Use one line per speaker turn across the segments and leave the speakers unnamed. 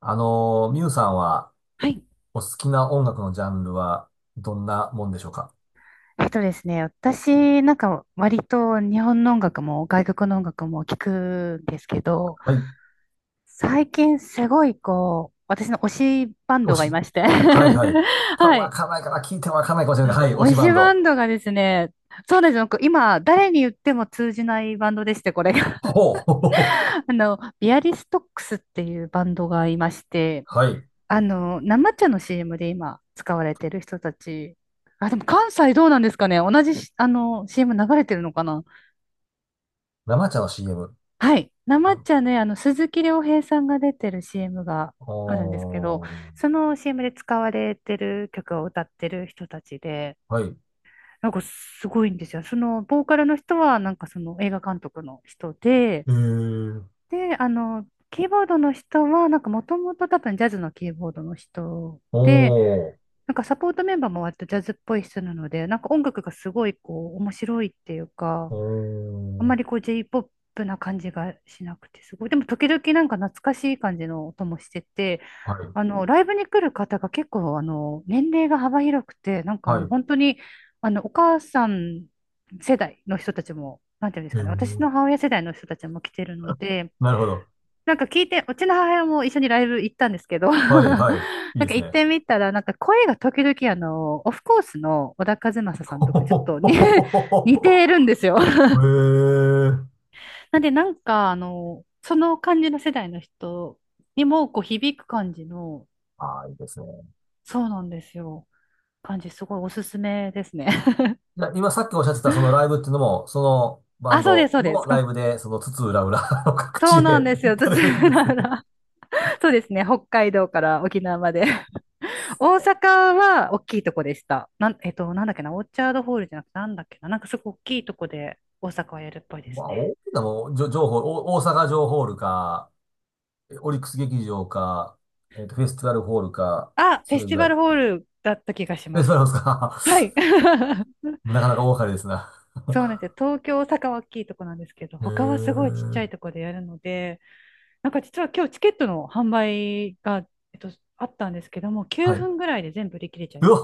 ミュウさんは、
はい。
お好きな音楽のジャンルは、どんなもんでしょうか？
えっとですね、私なんか割と日本の音楽も外国の音楽も聞くんですけど、
はい、
最近すごい私の推しバン
推
ドがい
し。
まして。
はい、はい。
は
わ
い。
かんないかな、聞いてもわかんないかもしれないけど。はい、推し
推
バ
し
ン
バ
ド。
ンドがですね、そうなんですよ。今、誰に言っても通じないバンドでして、これが。
ほう。ほうほうほう。
ビアリストックスっていうバンドがいまして、
はい。
生茶の CM で今使われてる人たち、あ、でも関西どうなんですかね同じし、CM 流れてるのかな。
生茶の CM。
はい。なまっ
あ、
ちゃんね、鈴木亮平さんが出てる CM があるんですけど、
おー。
その CM で使われてる曲を歌ってる人たちで、
はい。
すごいんですよ。その、ボーカルの人は、その映画監督の人で、
えー。
で、キーボードの人は、もともと多分ジャズのキーボードの人で、
おー。
サポートメンバーも割とジャズっぽい人なので、音楽がすごい面白いっていう
お
か、あんまり
ー。
J-POP な感じがしなくて、すごい。でも時々懐かしい感じの音もしてて、
はい。
ライブに来る方が結構、年齢が幅広くて、
はい。
本当に、お母さん世代の人たちも、なんていうんです
え
かね、私
ー。
の母親世代の人たちも来てるので、
なるほど。
聞いて、うちの母親も一緒にライブ行ったんですけど、
はい、はい。いいです
行っ
ね。
てみたら、声が時々、オフコースの小田和 正さん
ほ
と
ほ
かちょっと
ほ
ね、
ほ
似
ほほ
てる
ほ。
んですよ。
えー。
なんで、その感じの世代の人にも、響く感じの、
ああ、いいですね。
そうなんですよ。感じ、すごいおすすめですね。
いや、今さっきおっしゃってたそのライブっていうのも、そのバン
あ、そうです、
ド
そうで
の
す。
ライブで、その津々浦々の、 各地
そ
へ
うなんです
行
よ。津
かれるん
々
です
浦
ね。
々。そうですね。北海道から沖縄まで。大阪は大きいとこでした。なん、えっと、なんだっけな、オーチャードホールじゃなくて、なんだっけな、すごい大きいとこで大阪はやるっぽいで
ま
す
あ、
ね。
大きなもんじょ情報、お大阪城ホールか、オリックス劇場か、フェスティバルホールか、
あ、フ
そ
ェ
れ
ステ
ぐ
ィ
ら
バ
い。
ル
フ
ホールだった気がし
ェ
ま
スティバルホー
す。
ルです
は
か？
い。
なかなか大掛かりですな。
そうなんですよ。東京、大阪は大きいとこなんですけど、
へ
他はすごいちっちゃいと
え。
こでやるので、実は今日チケットの販売が、えっと、あったんですけども、9
はい。
分ぐらいで全部売り切れちゃい
う
まし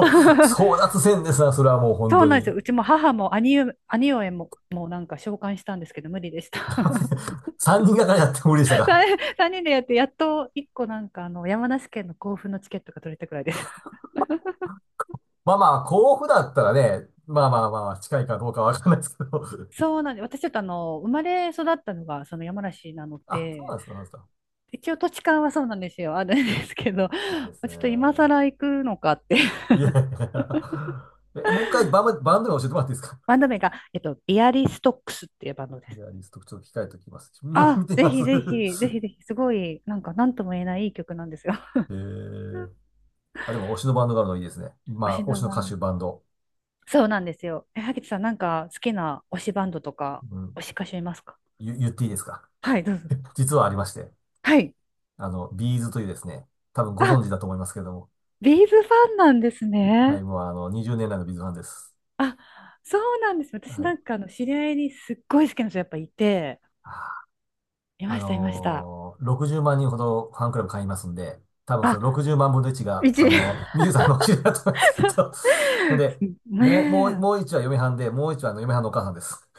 た。
争奪戦ですな、それはもう本
そう
当
なんです
に。
よ。うちも母も兄上も、もうなんか召喚したんですけど、無理でした。
3人がかりやっても無理でしたか？
3、人でやって、やっと1個山梨県の甲府のチケットが取れたくらいです。
まあまあ、甲府だったらね、まあまあまあ、近いかどうかわかんないですけど。
そうなんです。私ちょっと生まれ育ったのがその山梨なの
あ、そうな
で、
んですか、そうなんですか。
一応土地勘はそうなんですよ。あるんですけど、ちょ
いいです
っと今
ね。
更行くのかって。
いやいやいや。え、もう一回バンド名教えてもらっていいですか？
バンド名が、ビアリストックスっていうバンドで
ギ
す。
タリスト、ちょっと控えておきます。見
あ、
見てみ
ぜ
ま
ひ
す。
ぜひ、ぜひ ぜひ、すごい、なんとも言えないいい曲なんですよ。
え
うん、
ー、あ、でも推しのバンドがあるのいいですね。
推し
まあ、推
の
しの
バ
歌
ン
手、
ド。
バンド。
そうなんですよ。え、萩トさん、好きな推しバンドとか、
うん、
推し歌手いますか？
言っていいですか？
はい、どうぞ。
実はありまして、
はい。
あの、ビーズというですね、多分ご
あ、
存知だと思いますけれども、
ビーズファンなんです
はい、
ね。
もうあの、20年来のビーズファンです。
あ、そうなんです。私
は
な
い。
んか、あの、知り合いにすっごい好きな人やっぱいて、
あ
いました、いました。
60万人ほどファンクラブ会員いますんで、多分その
あ、
60万分の1が、
一
あ のミユさんのお知り合いだと思います、きっと。ほんで、
ね
もう1は嫁はんで、もう1はあの嫁はんのお母さんです。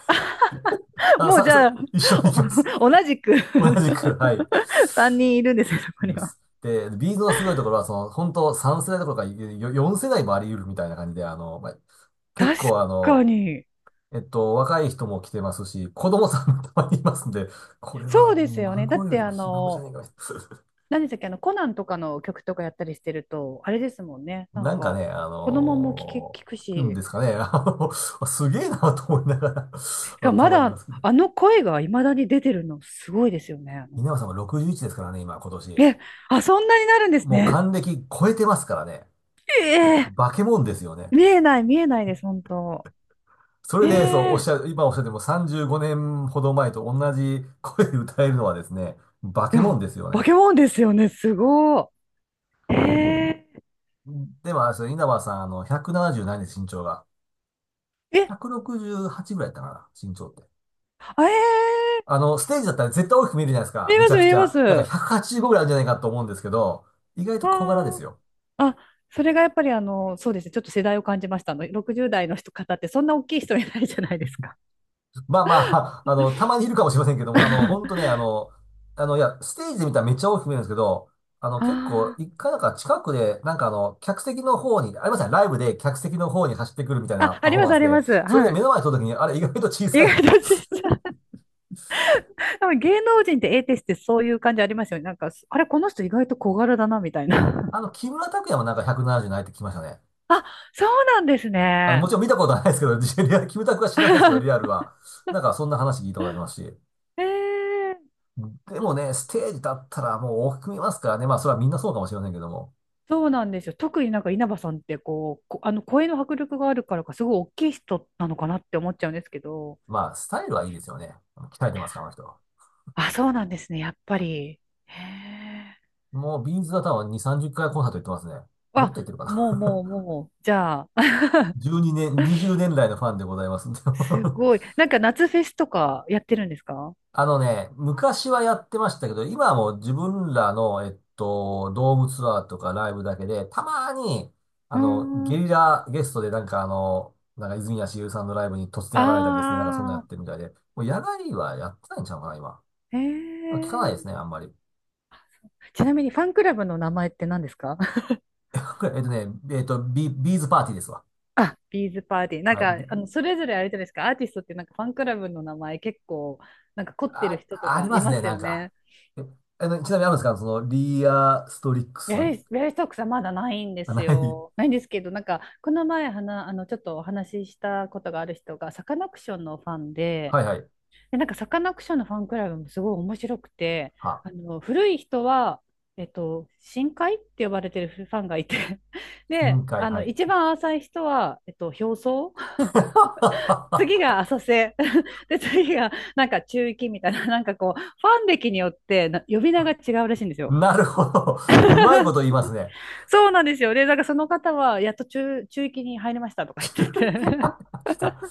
あ
え。
の、
もうじゃあ、
一緒に行きます。
お同じく。
同じく、はい。
3人いるんですよ、そ
い
こ
る
に
で
は。
す。で、ビーズのすごいところは、その、本当3世代どころかよ4世代もあり得るみたいな感じで、あの、まあ、結
確
構あ
か
の、
に。
若い人も来てますし、子供さんもたまにいますんで、これ
そう
は
ですよね。だ
孫
っ
よ
て
り
あ
もひ孫じゃ
の、
ないかな。
何でしたっけ、あの、コナンとかの曲とかやったりしてると、あれですもんね。
なんかね、
子供も聞く
聞くん
し、
ですかね。あの、あすげえなと思いながら、 あ
が
の、た
ま
まにいま
だ
すけど。
声が未だに出てるのすごいですよね。
稲葉さんは61ですからね、今、今年。
え、あ、そんなになるんです
もう
ね。
還暦超えてますからね。
ええ。
化け物ですよね。
見えない、見えないです、本当。
それ
え
で、そう、おっし
え、
ゃる、今おっしゃっても35年ほど前と同じ声で歌えるのはですね、化
い
け物
や、
ですよ
化
ね。
け物ですよね。すごい。え
でも、あれですよ稲葉さん、あの、170何です、身長が。
ー、え、
168ぐらいだったかな、身長って。
あ、えー、
あの、ステージだったら絶対大きく見えるじゃないですか。
見え
め
ま
ち
す、
ゃく
見
ち
えます。
ゃ。なんか
わ
185ぐらいあるんじゃないかと思うんですけど、意外と小柄です
ー、
よ。
あ、それがやっぱりそうですね、ちょっと世代を感じました。60代の人方ってそんな大きい人いないじゃないですか。
まあまあ、あの、たまにいるかもしれませんけども、あの、ほんとね、いや、ステージで見たらめっちゃ大きく見えるんですけど、あの、結構、
あ
一回なんか近くで、なんかあの、客席の方に、ありましたね、ライブで客席の方に走ってくるみたい
ー、
な
あ、あ
パフ
り
ォー
ま
マ
す、
ン
あ
ス
り
で、
ます。
それで
は
目
い。
の前に撮るときに、あれ意外と小
意
さいな
外
と。
とちっちゃい。でも芸能人って A テスってそういう感じありますよね。あれ、この人意外と小柄だな、みたいな。
あの、木村拓哉もなんか170ななじゅうないって聞きましたね。
あ、そうなんです
あの、
ね。
もちろん見たことはないですけど、リアル木村拓哉は知らないですけど、リア ルは。なんかそんな話聞いたことありますし。
えー、
でもね、ステージ立ったらもう大きく見えますからね。まあ、それはみんなそうかもしれませんけども。
そうなんですよ。特に稲葉さんってこう、あの声の迫力があるからか、すごい大きい人なのかなって思っちゃうんですけど、
まあ、スタイルはいいですよね。鍛えてますから、あの人。
あ、そうなんですね、やっぱり。へえ。
もう、ビーズは多分2、30回コンサート行ってますね。もっ
あ、
と行ってるか
もうも
な。
うもう、じゃあ、
12年、20年来のファンでございますんで。
すごい。夏フェスとかやってるんですか？
あのね、昔はやってましたけど、今はもう自分らの、ドームツアーとかライブだけで、たまに、あ
うー
の、ゲ
ん。
リラゲストでなんかあの、なんか泉谷しげるさんのライブに突然現れたりですね、なんかそんなや
あ
ってるみたいで、もう野外はやってないんちゃうかな、今。
ー、へ
あ、聞かないです
え。
ね、あんまり。
ちなみにファンクラブの名前って何ですか？
えっとね、えっと、ビーズパーティーですわ。
あ、ビーズパーティー。
はい。
それぞれあれじゃないですか、アーティストってファンクラブの名前結構、凝ってる
あ、
人と
あり
か
ま
い
す
ま
ね、
す
なん
よ
か。
ね。
え、あの、ちなみにあるんですかその、リアストリックスさん？
ビアリストックさんまだないんで
あ、
す
ない。
よ。ないんですけど、この前はな、ちょっとお話ししたことがある人が、サカナクションのファンで、
はいはい。
で、サカナクションのファンクラブもすごい面白くて、
は、
古い人は、深海って呼ばれてるファンがいて、で、
深海、はい。
一番浅い人は、表層、次が 浅瀬、で、次が、中域みたいな、ファン歴によってな呼び名が違うらしいんですよ。
なるほど。うまいこと言いますね。
そうなんですよ。で、なんからその方は、やっと中、中域に入りましたとか言
中
って
継
て。
あり ました。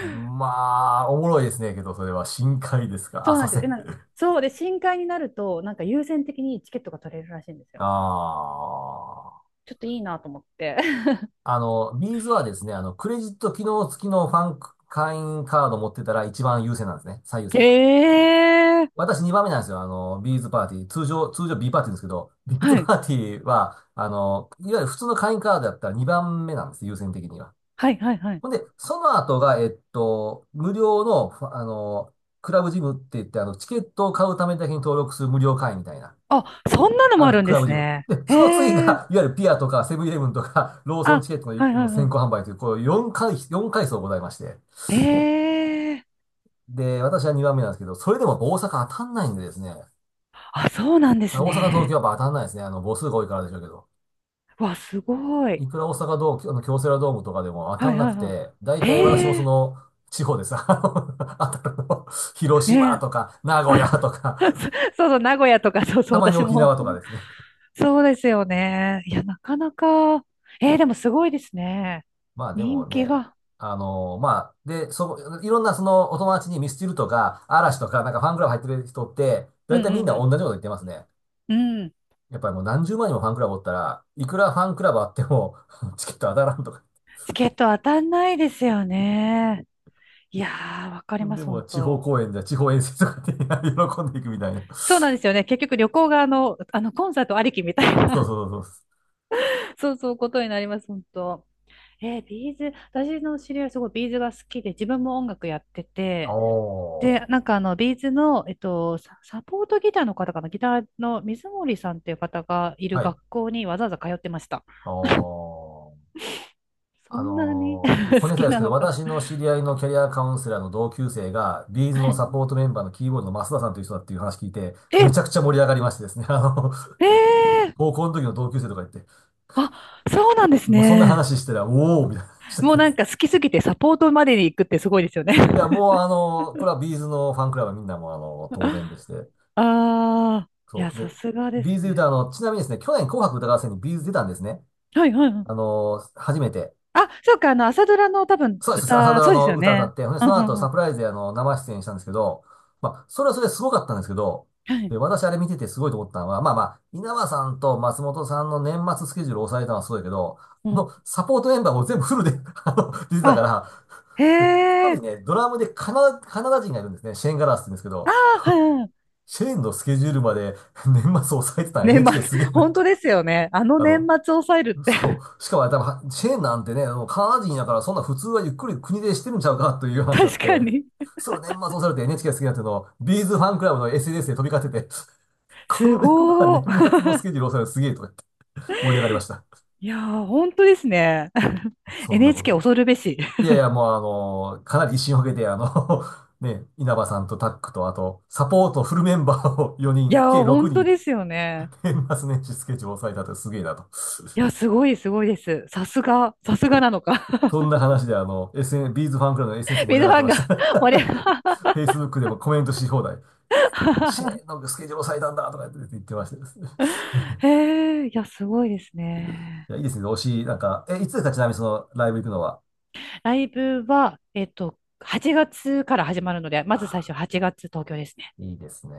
まあ、おもろいですね、けど、それは深海ですか、
そう
浅
なんで
瀬？
すよ。で、深海になると、優先的にチケットが取れるらしいんです
あ
よ。
あ。
ちょっといいなと思って。
あの、ビーズはですね、あの、クレジット機能付きのファンク会員カード持ってたら一番優先なんですね。最優先。
へえ。
私2番目なんですよ。あの、ビーズパーティー。通常 B パーティーですけど、ビーズ
はい。
パーティーは、あの、いわゆる普通の会員カードだったら2番目なんです。優先的には。
はい、はい、はい。
ほんで、その後が、無料の、ふあの、クラブジムって言って、あの、チケットを買うためだけに登録する無料会員みたいな。
あ、そんなの
あ
も
るん
あ
です、
るん
ク
で
ラブ
す
ジム。
ね。
で、
へ
その次
え。
が、いわゆるピアとか、セブンイレブンとか、ロー
あ、
ソンチケットの
はい、
あ
は
の
い、
先
は
行販売という、こう4階層ございまして。
い。へえ。
で、私は2番目なんですけど、それでも大阪当たんないんでですね。
あ、そうなんです
大阪、東京は
ね。
やっぱ当たんないですね。あの、母数が多いからでしょうけど。
わ、すごい。
いくら大阪ドーム、あの京セラドームとかでも当た
は
ん
い、
な
はい、
く
は
て、大
い。
体私も
へ
そ
え。
の、地方です。あの当たるの広島
ね。
とか、名古屋とか、
そうそう、名古屋とか、そうそう、
たまに
私
沖
も。
縄とかですね。
そうですよね。いや、なかなか、えー、でもすごいですね。
まあで
人
も
気
ね、
が。
あのまあ、で、いろんなそのお友達にミスチルとか、嵐とか、なんかファンクラブ入ってる人って、だ
う
いた
ん
いみん
う
な同
ん
じこと言ってますね。
うん。うん。
やっぱりもう何十万人もファンクラブおったら、いくらファンクラブあっても、チケット当たらんとか。
チケット当たんないですよね。いやー、わかりま
で
す、
も、
本
地方
当。
公演じゃ地方遠征とかで、 喜んでいくみたいな。
そうなんですよね。結局旅行がコンサートありきみたい
そう
な。
そうそうそ
そうそう、ことになります、本当。えー、ビーズ、私の知り合いすごいビーズが好きで、自分も音楽やって
う。
て、
お
で、
ー。
ビーズの、サポートギターの方かな、ギターの水森さんっていう方がいる
はい。
学校にわざわざ通ってました。
おー。
そんなに
小
好
ネタ
き
です
な
けど、
のか。
私の知り合いのキャリアカウンセラーの同級生が、ビーズ
は
の
い。
サポートメンバーのキーボードの増田さんという人だっていう話聞いて、め
え、
ちゃくちゃ盛り上がりましてですね、あの、
えー、
高校の時の同級生とか言って、
あ、そうなんです
まあ、そんな
ね。
話してたら、おーみたいな話した
もう
んです。
好きすぎてサポートまでに行くってすごいですよね。
いや、もうこれはビーズのファンクラブはみんなもうあの、当然で
あ
して、
あ、い
そ
や、
う。
さ
で、
すがで
ビー
す
ズ言うと
ね。
あの、ちなみにですね、去年紅白歌合戦にビーズ出たんですね。
はいはいはい。
初めて。
あ、そうか、朝ドラの多分
そうです。朝
歌、
ドラ
そうです
の
よ
歌歌っ
ね。
て、ほんで
う
そ
ん
の
う
後
んう
サプ
ん。
ライズであの、生出演したんですけど、まあ、それはそれですごかったんですけど、
はい。
で、私あれ見ててすごいと思ったのは、まあまあ、稲葉さんと松本さんの年末スケジュールを抑えたのはすごいけど、
う
あ
ん。
の、サポートメンバーも全部フルで、 あの、出てたか
あ、
ら、
へ
で、一人
え。
ね、ドラムでカナダ人がいるんですね。シェーン・ガラスって言うんですけ
あ
ど、
あ、はい。
シェーンのスケジュールまで年末抑えてた
年末、
NHK すげえな
本当
と。
ですよね。あの
あ
年
の、
末抑えるっ
そ
て。
う。しかもあれ多分チェーンなんてね、もうカナダ人やからそんな普通はゆっくり国でしてるんちゃうかという 話にな
確
っ
か
て、
に。
それ年末をされて NHK が好きになっていうのを、ビーズファンクラブの SNS で飛び交ってて、こ
す
のメンバー
ご
年
ー。
末のスケジュールをされるすげえとか言って盛り上がりました。
いやー、本当ですね。
そんなこと
NHK
で。
恐るべし。
いやいや、もうあの、かなり威信をかけて、あの、 ね、稲葉さんとタックと、あと、サポートフルメンバーを4
い
人、
や
計
ー、
6
本当
人、
ですよね。
年末年始スケジュールを抑えたってすげえなと。
いや、すごい、すごいです。さすが、さすがなのか。
そんな話であの、ビーズファンクラブの SNS 盛り上
水
が
フ
って
ァン
まし
が
た。
盛り上 が
Facebook でもコメントし放題。シ ェーンのスケジュール押さえたんだとか言ってましたですね。
へえ、いや、すごいですね。
いや、いいですね。推し、なんか、え、いつですかちなみにそのライブ行くのは？
ライブは、8月から始まるので、
あ
まず最初
あ、
8月東京ですね。
いいですね。